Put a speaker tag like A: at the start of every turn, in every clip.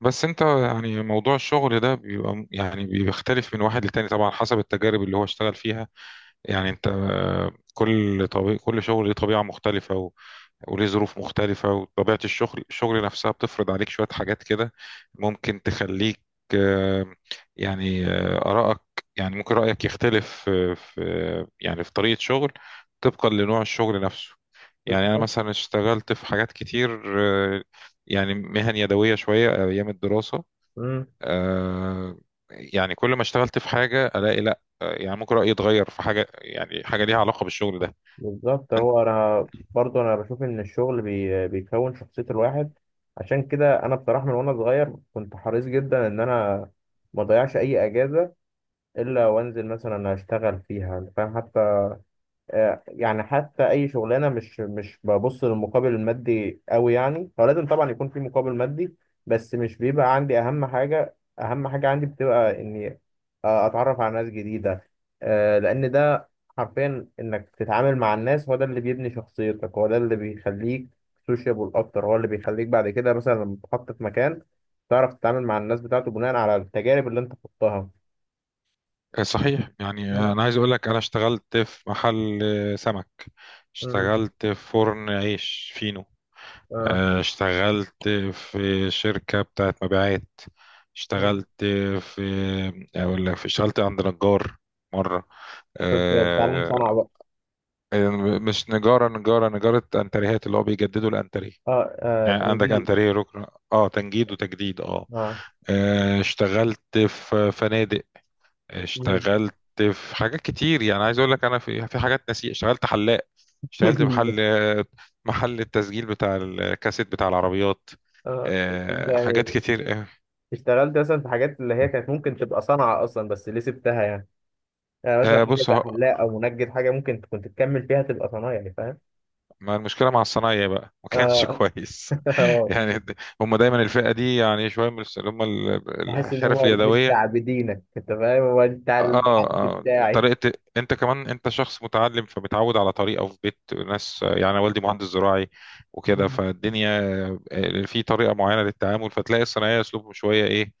A: بس انت يعني موضوع الشغل ده بيبقى بيختلف من واحد للتاني طبعا حسب التجارب اللي هو اشتغل فيها. يعني انت كل طبيعي، كل شغل ليه طبيعة مختلفة و- وليه ظروف مختلفة، وطبيعة الشغل نفسها بتفرض عليك شوية حاجات كده، ممكن تخليك. آه، آرائك، يعني ممكن رأيك يختلف آه، في آه، يعني في طريقة شغل طبقا لنوع الشغل نفسه. يعني أنا
B: بالظبط.
A: مثلا اشتغلت في حاجات كتير، آه، يعني مهن يدوية شوية أيام الدراسة.
B: مم.
A: آه، يعني كل ما اشتغلت في حاجة ألاقي لأ، يعني ممكن رأيي يتغير في حاجة، يعني حاجة ليها علاقة بالشغل ده.
B: بالظبط،
A: أنت.
B: هو انا برضو انا بشوف ان الشغل بيكون شخصية الواحد. عشان كده انا بصراحة من وانا صغير كنت حريص جدا ان انا ما اضيعش اي اجازة الا وانزل مثلا اشتغل فيها، انت فاهم؟ حتى يعني حتى اي شغلانه مش ببص للمقابل المادي قوي، يعني هو لازم طبعا يكون في مقابل مادي، بس مش بيبقى عندي اهم حاجه، اهم حاجه عندي بتبقى اني اتعرف على ناس جديده، لان ده حرفيا انك تتعامل مع الناس، هو ده اللي بيبني شخصيتك، هو ده اللي بيخليك سوشيبل اكتر، هو اللي بيخليك بعد كده مثلا لما تتحط في مكان تعرف تتعامل مع الناس بتاعته بناء على التجارب اللي انت خضتها.
A: صحيح، يعني
B: مم.
A: أنا عايز أقول لك أنا اشتغلت في محل سمك،
B: مم.
A: اشتغلت في فرن عيش فينو،
B: آه.
A: اشتغلت في شركة بتاعت مبيعات،
B: مم.
A: اشتغلت في، أقول لك اشتغلت عند نجار مرة،
B: كنت بتعلم صنعة
A: آه،
B: بقى.
A: مش نجارة، نجارة أنتريهات، اللي هو بيجددوا الأنتريه،
B: اه اه،
A: يعني عندك
B: تجديد.
A: انتريه ركن، اه تنجيد وتجديد اه.
B: اه.
A: اشتغلت في فنادق،
B: مم.
A: اشتغلت في حاجات كتير. يعني عايز اقول لك انا في حاجات نسيت، اشتغلت حلاق، اشتغلت محل، محل التسجيل بتاع الكاسيت بتاع العربيات.
B: اه، بس انت يعني
A: حاجات كتير.
B: اشتغلت مثلا في حاجات اللي هي كانت ممكن تبقى صنعة اصلا، بس ليه سبتها؟ يعني يعني مثلا
A: آه،
B: حاجة
A: بص
B: زي
A: ه-
B: حلاق او منجد، حاجة ممكن كنت تكمل فيها تبقى صنايعي، يعني فاهم؟
A: ما المشكله مع الصنايعي بقى ما كانش
B: اه.
A: كويس.
B: آه.
A: يعني د- هم دايما الفئه دي، يعني شويه من الس- اللي هم ال-
B: بحس ان
A: الحرف
B: هو
A: اليدويه.
B: مستعبدينك، انت فاهم؟ هو انت على
A: اه
B: الحد
A: اه.
B: بتاعي.
A: طريقة، انت كمان انت شخص متعلم فبتعود على طريقة في بيت ناس. يعني أنا والدي مهندس زراعي وكده،
B: مم.
A: فالدنيا في طريقة معينة للتعامل، فتلاقي الصناعية اسلوبهم شوية ايه،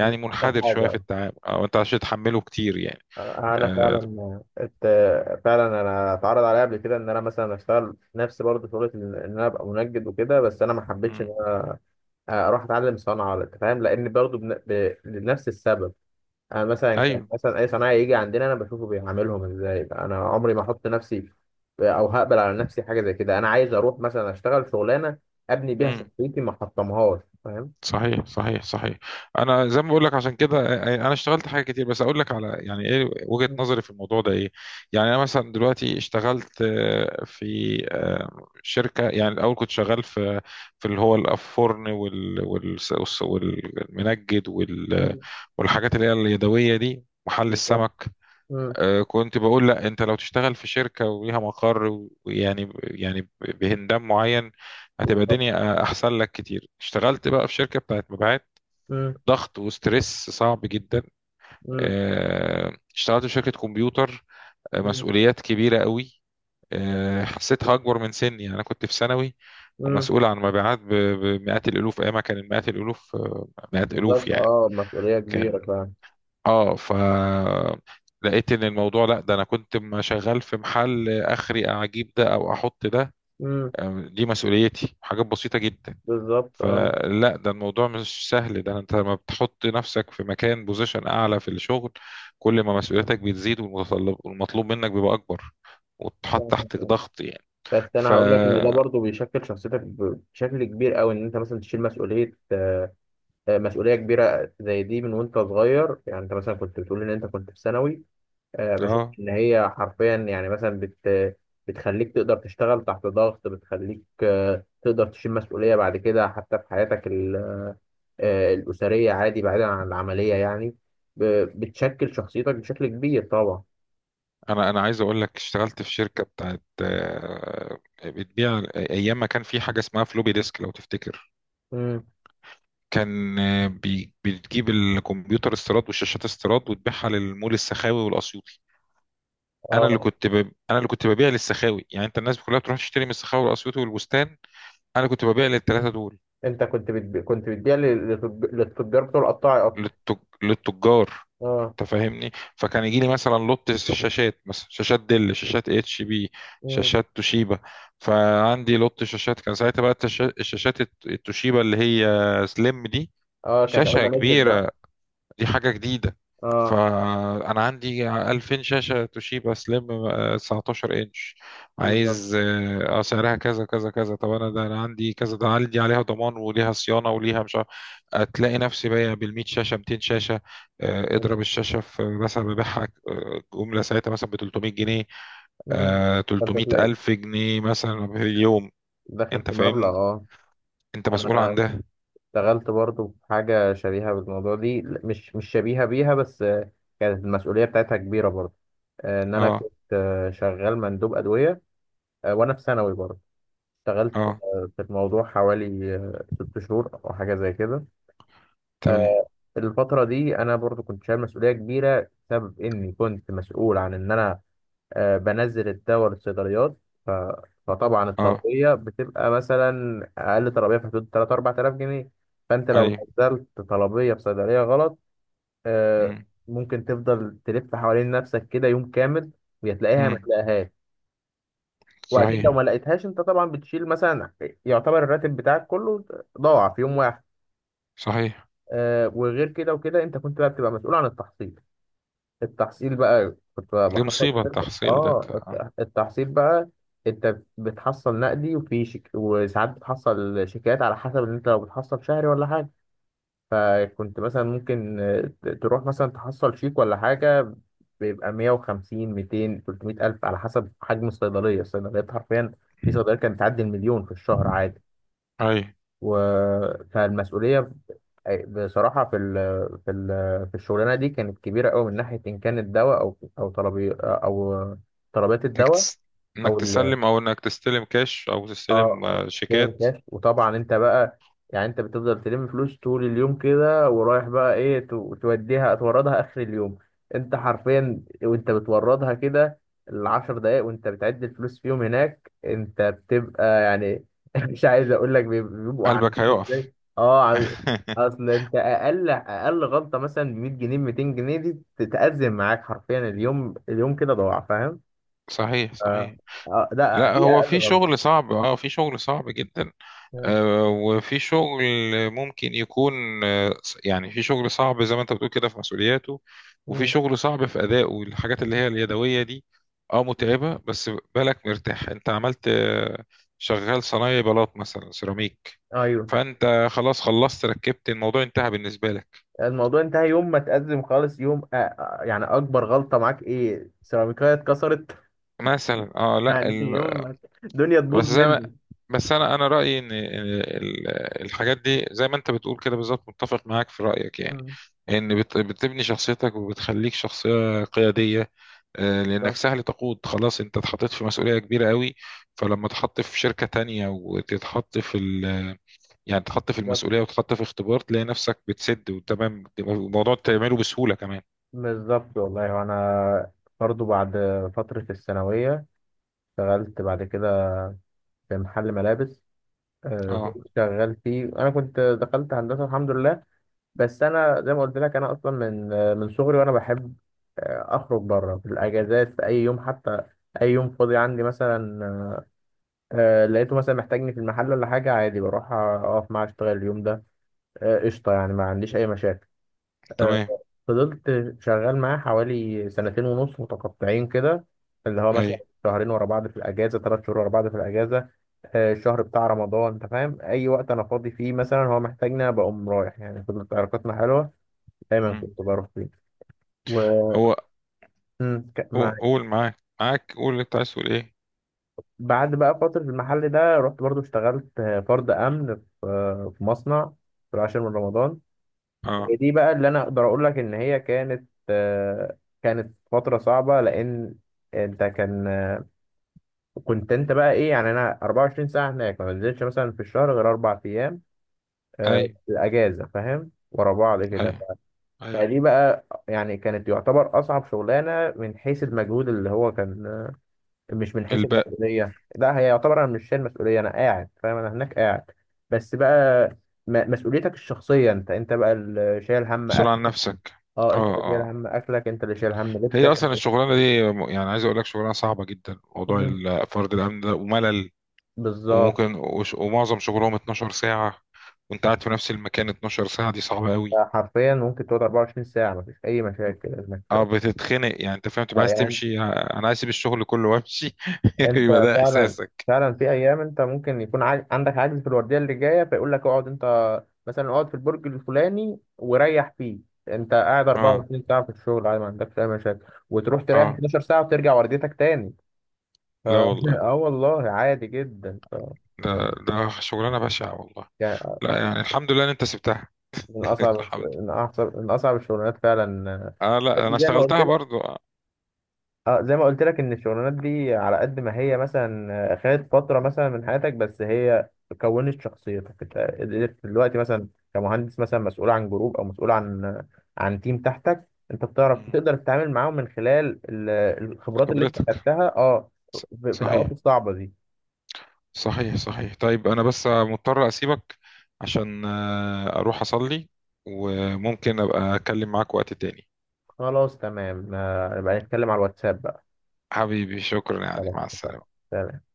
B: مش احسن
A: منحدر شوية في
B: حاجة.
A: التعامل، او انت عشان تحمله كتير يعني.
B: آه، انا
A: آه.
B: فعلا ات... فعلا انا اتعرض عليا قبل كده ان انا مثلا اشتغل نفس برضه شغلة، ان انا ابقى منجد وكده، بس انا ما حبيتش
A: مم.
B: اروح اتعلم صنعه ولا، انت فاهم؟ لان برضو لنفس السبب. انا مثلا كان
A: ايوه.
B: مثلا اي صنايعي يجي عندنا انا بشوفه بيعاملهم ازاي، انا عمري ما احط نفسي او هقبل على نفسي حاجه زي كده. انا عايز اروح مثلا اشتغل شغلانه ابني بيها
A: مم.
B: شخصيتي، ما احطمهاش، فاهم؟
A: صحيح صحيح صحيح. انا زي ما بقول لك عشان كده انا اشتغلت حاجه كتير، بس اقول لك على يعني ايه وجهه
B: مم،
A: نظري في الموضوع ده ايه. يعني انا مثلا دلوقتي اشتغلت في شركه. يعني الاول كنت شغال في، في اللي هو الفرن وال وال- والس- والمنجد وال-
B: مم،
A: والحاجات اللي هي اليدويه دي، محل
B: بالظبط.
A: السمك.
B: مم،
A: كنت بقول لا، انت لو تشتغل في شركة وليها مقر و- ويعني بهندام معين هتبقى
B: بالظبط.
A: الدنيا احسن لك كتير. اشتغلت بقى في شركة بتاعت مبيعات،
B: مم،
A: ضغط وستريس صعب جدا.
B: مم،
A: اشتغلت في شركة كمبيوتر،
B: مم،
A: مسؤوليات كبيرة قوي، حسيتها اكبر من سني، يعني انا كنت في ثانوي
B: مم،
A: ومسؤول عن مبيعات ب- بمئات الالوف. ايامها كان مئات الالوف، مئات الالوف
B: بالظبط،
A: يعني.
B: اه، مسؤوليه كبيره
A: كان،
B: فعلا.
A: اه، ف، لقيت ان الموضوع لا، ده انا كنت شغال في محل اخري اجيب ده او احط ده.
B: مم،
A: دي مسؤوليتي حاجات بسيطه جدا.
B: بالظبط، اه.
A: فلا، ده الموضوع مش سهل، ده انت لما بتحط نفسك في مكان، بوزيشن اعلى في الشغل، كل ما مسؤوليتك بتزيد، والمتطلب والمطلوب منك بيبقى اكبر وتحط تحت
B: فاهم.
A: ضغط يعني.
B: بس
A: ف،
B: انا هقول لك ان ده برضو بيشكل شخصيتك بشكل كبير قوي، ان انت مثلا تشيل مسؤوليه، مسؤوليه كبيره زي دي من وانت صغير. يعني انت مثلا كنت بتقول ان انت كنت في ثانوي، بشوف
A: اه،
B: ان هي حرفيا يعني مثلا بتخليك تقدر تشتغل تحت ضغط، بتخليك تقدر تشيل مسؤوليه بعد كده حتى في حياتك الاسريه، عادي بعيدا عن العمليه يعني. ب- بتشكل شخصيتك بشكل كبير طبعا.
A: انا عايز اقول لك اشتغلت في شركه بتاعت بتبيع ايام ما كان في حاجه اسمها فلوبي ديسك لو تفتكر.
B: امم،
A: كان بتجيب الكمبيوتر استيراد والشاشات استيراد وتبيعها للمول السخاوي والاسيوطي. انا اللي
B: اه
A: كنت ب... انا اللي كنت ببيع للسخاوي. يعني انت الناس كلها بتروح تشتري من السخاوي والاسيوطي والبستان، انا كنت ببيع للثلاثه دول.
B: انت كنت بتبيع، كنت بتبيع للتجار بتوع القطاعي اصلا.
A: للتج... للتجار،
B: اه.
A: انت فاهمني. فكان يجي لي مثلا لوت شاشات، مثلا شاشات ديل، شاشات اتش بي،
B: امم.
A: شاشات توشيبا. فعندي لوت شاشات كان ساعتها بقى التوشيبا اللي هي سليم دي،
B: اه، كانت اول
A: شاشة
B: ما نزلت بقى.
A: كبيرة، دي حاجة جديدة.
B: اه،
A: فأنا عندي 2000 شاشة توشيبا سليم، 19 إنش.
B: بالظبط.
A: عايز اه، سعرها كذا كذا كذا، طب أنا ده، أنا عندي كذا، ده أنا عندي عليها ضمان وليها صيانة وليها مش عارف. هتلاقي نفسي بايع بال100 شاشة، 200 شاشة. اضرب الشاشة في، مثلا ببيعها جملة ساعتها مثلا ب 300 جنيه،
B: امم، فانت
A: 300
B: تلاقي
A: ألف جنيه مثلا في اليوم.
B: داخل
A: أنت
B: في مبلغ،
A: فاهمني،
B: اه.
A: أنت مسؤول عن
B: انا
A: ده.
B: اشتغلت برضو في حاجه شبيهه بالموضوع دي، مش شبيهه بيها بس كانت المسؤوليه بتاعتها كبيره برضو، ان انا
A: أه.
B: كنت شغال مندوب ادويه، وانا في ثانوي برضو. اشتغلت
A: أه.
B: في الموضوع حوالي 6 شهور او حاجه زي كده. آه،
A: تمام.
B: الفترة دي أنا برضو كنت شايل مسؤولية كبيرة بسبب إني كنت مسؤول عن إن أنا بنزل الدواء للصيدليات. ف... فطبعا
A: أه.
B: الطلبية بتبقى مثلا أقل طلبية في حدود 3 4000 جنيه. فأنت لو
A: أيوه.
B: نزلت طلبية في صيدلية غلط، آه،
A: مم.
B: ممكن تفضل تلف حوالين نفسك كده يوم كامل، ويا تلاقيها ما
A: مم.
B: تلاقيهاش. وأكيد لو
A: صحيح
B: ما لقيتهاش أنت طبعا بتشيل مثلا، يعتبر الراتب بتاعك كله ضاع في يوم واحد.
A: صحيح.
B: وغير كده وكده أنت كنت بقى بتبقى مسؤول عن التحصيل. التحصيل بقى كنت
A: دي
B: بحصل،
A: مصيبة التحصيل ده
B: اه،
A: انت.
B: التحصيل بقى انت بتحصل نقدي وساعات بتحصل شيكات على حسب ان انت لو بتحصل شهري ولا حاجه. فكنت مثلا ممكن تروح مثلا تحصل شيك ولا حاجه، بيبقى 150 200 300 الف على حسب حجم الصيدليه، الصيدليات حرفيا في صيدليه كانت تعدي 1000000 في الشهر عادي.
A: اي.
B: و... فالمسؤولية بصراحة في ال... في الشغلانة دي كانت كبيرة قوي من ناحية إن كان الدواء أو أو طلبي أو طلبات
A: انك
B: الدواء
A: تس... انك
B: أو ال...
A: تسلم، او انك تستلم كاش او
B: اه،
A: تستلم
B: تلم
A: شيكات.
B: كاش. وطبعا انت بقى يعني انت بتفضل تلم فلوس طول اليوم كده، ورايح بقى ايه، توديها توردها اخر اليوم. انت حرفيا وانت بتوردها كده العشر دقايق وانت بتعد الفلوس فيهم هناك انت بتبقى يعني مش عايز اقول لك بيبقوا
A: قلبك
B: عاملين
A: هيقف.
B: ازاي، اه عامل. اصل انت اقل غلطه مثلا ب 100 جنيه 200 جنيه دي تتأزم معاك حرفيا، اليوم، اليوم كده ضاع، فاهم؟
A: صحيح
B: آه.
A: صحيح.
B: آه. ده
A: لا،
B: دي
A: هو
B: اقل
A: في
B: غلطه.
A: شغل صعب، اه في شغل صعب جدا. وفي شغل ممكن يكون آه، يعني في شغل صعب زي ما انت بتقول كده في مسؤولياته، وفي
B: مم.
A: شغل صعب في أدائه، الحاجات اللي هي اليدوية دي اه متعبة، بس بالك مرتاح. انت عملت شغال صنايعي بلاط مثلا سيراميك،
B: ايوه.
A: فانت خلاص، خلصت ركبت، الموضوع انتهى بالنسبة لك.
B: الموضوع انتهى يوم ما تأزم خالص. يوم يعني اكبر غلطة معاك ايه؟ سيراميكاية اتكسرت.
A: مثلا، اه، لا.
B: يعني يوم ما الدنيا
A: بس
B: تبوظ
A: زي ما،
B: مني.
A: بس انا رايي ان الحاجات دي زي ما انت بتقول كده بالظبط، متفق معاك في رايك. يعني
B: مم.
A: ان بتبني شخصيتك وبتخليك شخصيه قياديه، لانك
B: بالظبط،
A: سهل تقود، خلاص انت اتحطيت في مسؤوليه كبيره قوي. فلما تحط في شركه تانية وتتحط في ال، يعني تحط في
B: بالظبط،
A: المسؤوليه وتحط في اختبار، تلاقي نفسك بتسد وتمام، بتبقى الموضوع تعمله بسهوله كمان.
B: بالظبط والله. وانا برضو بعد فترة الثانوية اشتغلت بعد كده في محل ملابس،
A: اه.
B: كنت شغال فيه. انا كنت دخلت هندسة الحمد لله، بس انا زي ما قلت لك انا اصلا من من صغري وانا بحب اخرج بره في الاجازات في اي يوم. حتى اي يوم فاضي عندي مثلا، آه لقيته مثلا محتاجني في المحل ولا حاجة، عادي بروح أقف معاه أشتغل اليوم ده. قشطة يعني، ما عنديش أي مشاكل. آه،
A: تمام.
B: فضلت شغال معاه حوالي سنتين ونص متقطعين كده، اللي هو
A: اي.
B: مثلا شهرين ورا بعض في الأجازة، 3 شهور ورا بعض في الأجازة، الشهر بتاع رمضان. أنت فاهم، أي وقت أنا فاضي فيه مثلا هو محتاجني أنا بقوم رايح. يعني فضلت علاقتنا حلوة، دايما
A: مم.
B: كنت بروح فيه و...
A: هو،
B: مم،
A: قول قول معاك قول اللي انت عايز تقول ايه.
B: بعد بقى فترة المحل ده رحت برضو اشتغلت فرد أمن في في مصنع في العاشر من رمضان. هي
A: اه.
B: دي بقى اللي انا اقدر اقول لك ان هي كانت كانت فتره صعبه، لان انت كان آه، كنت انت بقى ايه يعني، انا 24 ساعه هناك ما بنزلش مثلا في الشهر غير 4 ايام،
A: اي
B: الاجازه، فاهم؟ ورا بعض
A: اي
B: كده.
A: اي.
B: فدي بقى يعني كانت يعتبر اصعب شغلانه من حيث المجهود اللي هو كان، مش من حيث
A: الباء،
B: المسؤوليه، لا هي يعتبر انا مش شايل مسؤوليه، انا قاعد، فاهم؟ انا هناك قاعد. بس بقى مسؤوليتك الشخصيه انت، انت بقى اللي شايل هم
A: بسرعة
B: اكل،
A: عن نفسك.
B: اه، انت
A: اه
B: اللي شايل
A: اه.
B: هم اكلك، انت اللي شايل هم لبسك
A: هي اصلا
B: انت.
A: الشغلانه دي يعني عايز اقول لك شغلانه صعبه جدا، موضوع
B: مم.
A: فرد الامن ده، وملل،
B: بالظبط.
A: وممكن وش- ومعظم شغلهم 12 ساعه، وانت قاعد في نفس المكان 12 ساعه، دي صعبه قوي.
B: حرفيا ممكن تقعد 24 ساعة مفيش أي مشاكل إنك،
A: اه بتتخنق، يعني انت فاهم تبقى
B: اه
A: عايز
B: يعني،
A: تمشي، انا عايز اسيب الشغل كله وامشي
B: أنت
A: يبقى ده
B: فعلا
A: احساسك.
B: فعلا في أيام أنت ممكن يكون عندك عجز في الوردية اللي جاية فيقول لك اقعد أنت مثلا اقعد في البرج الفلاني وريح فيه. أنت قاعد
A: اه
B: 24 ساعة في الشغل عادي ما عندكش أي مشاكل، وتروح تريح
A: اه.
B: 12 ساعة وترجع ورديتك تاني. ف...
A: لا والله،
B: اه والله عادي جدا.
A: ده، ده شغلانه بشعه والله.
B: يعني
A: لا يعني الحمد لله ان انت سبتها.
B: من اصعب
A: الحمد،
B: من اصعب من اصعب الشغلانات فعلا.
A: اه،
B: بس
A: لا انا
B: زي ما قلت
A: اشتغلتها
B: لك،
A: برضو. آه.
B: اه زي ما قلت لك ان الشغلانات دي على قد ما هي مثلا خدت فتره مثلا من حياتك، بس هي كونت شخصيتك. انت قدرت دلوقتي مثلا كمهندس مثلا مسؤول عن جروب، او مسؤول عن عن تيم تحتك، انت بتعرف
A: مم.
B: تقدر تتعامل معاهم من خلال الخبرات اللي انت
A: خبرتها.
B: خدتها، اه
A: ص-
B: في في
A: صحيح
B: الاوقات الصعبه دي.
A: صحيح صحيح. طيب انا بس مضطر اسيبك عشان اروح اصلي، وممكن ابقى اتكلم معاك وقت تاني.
B: خلاص تمام، نبقى نتكلم على الواتساب بقى.
A: حبيبي شكرا يا علي،
B: خلاص
A: مع
B: اتفقنا.
A: السلامة.
B: تمام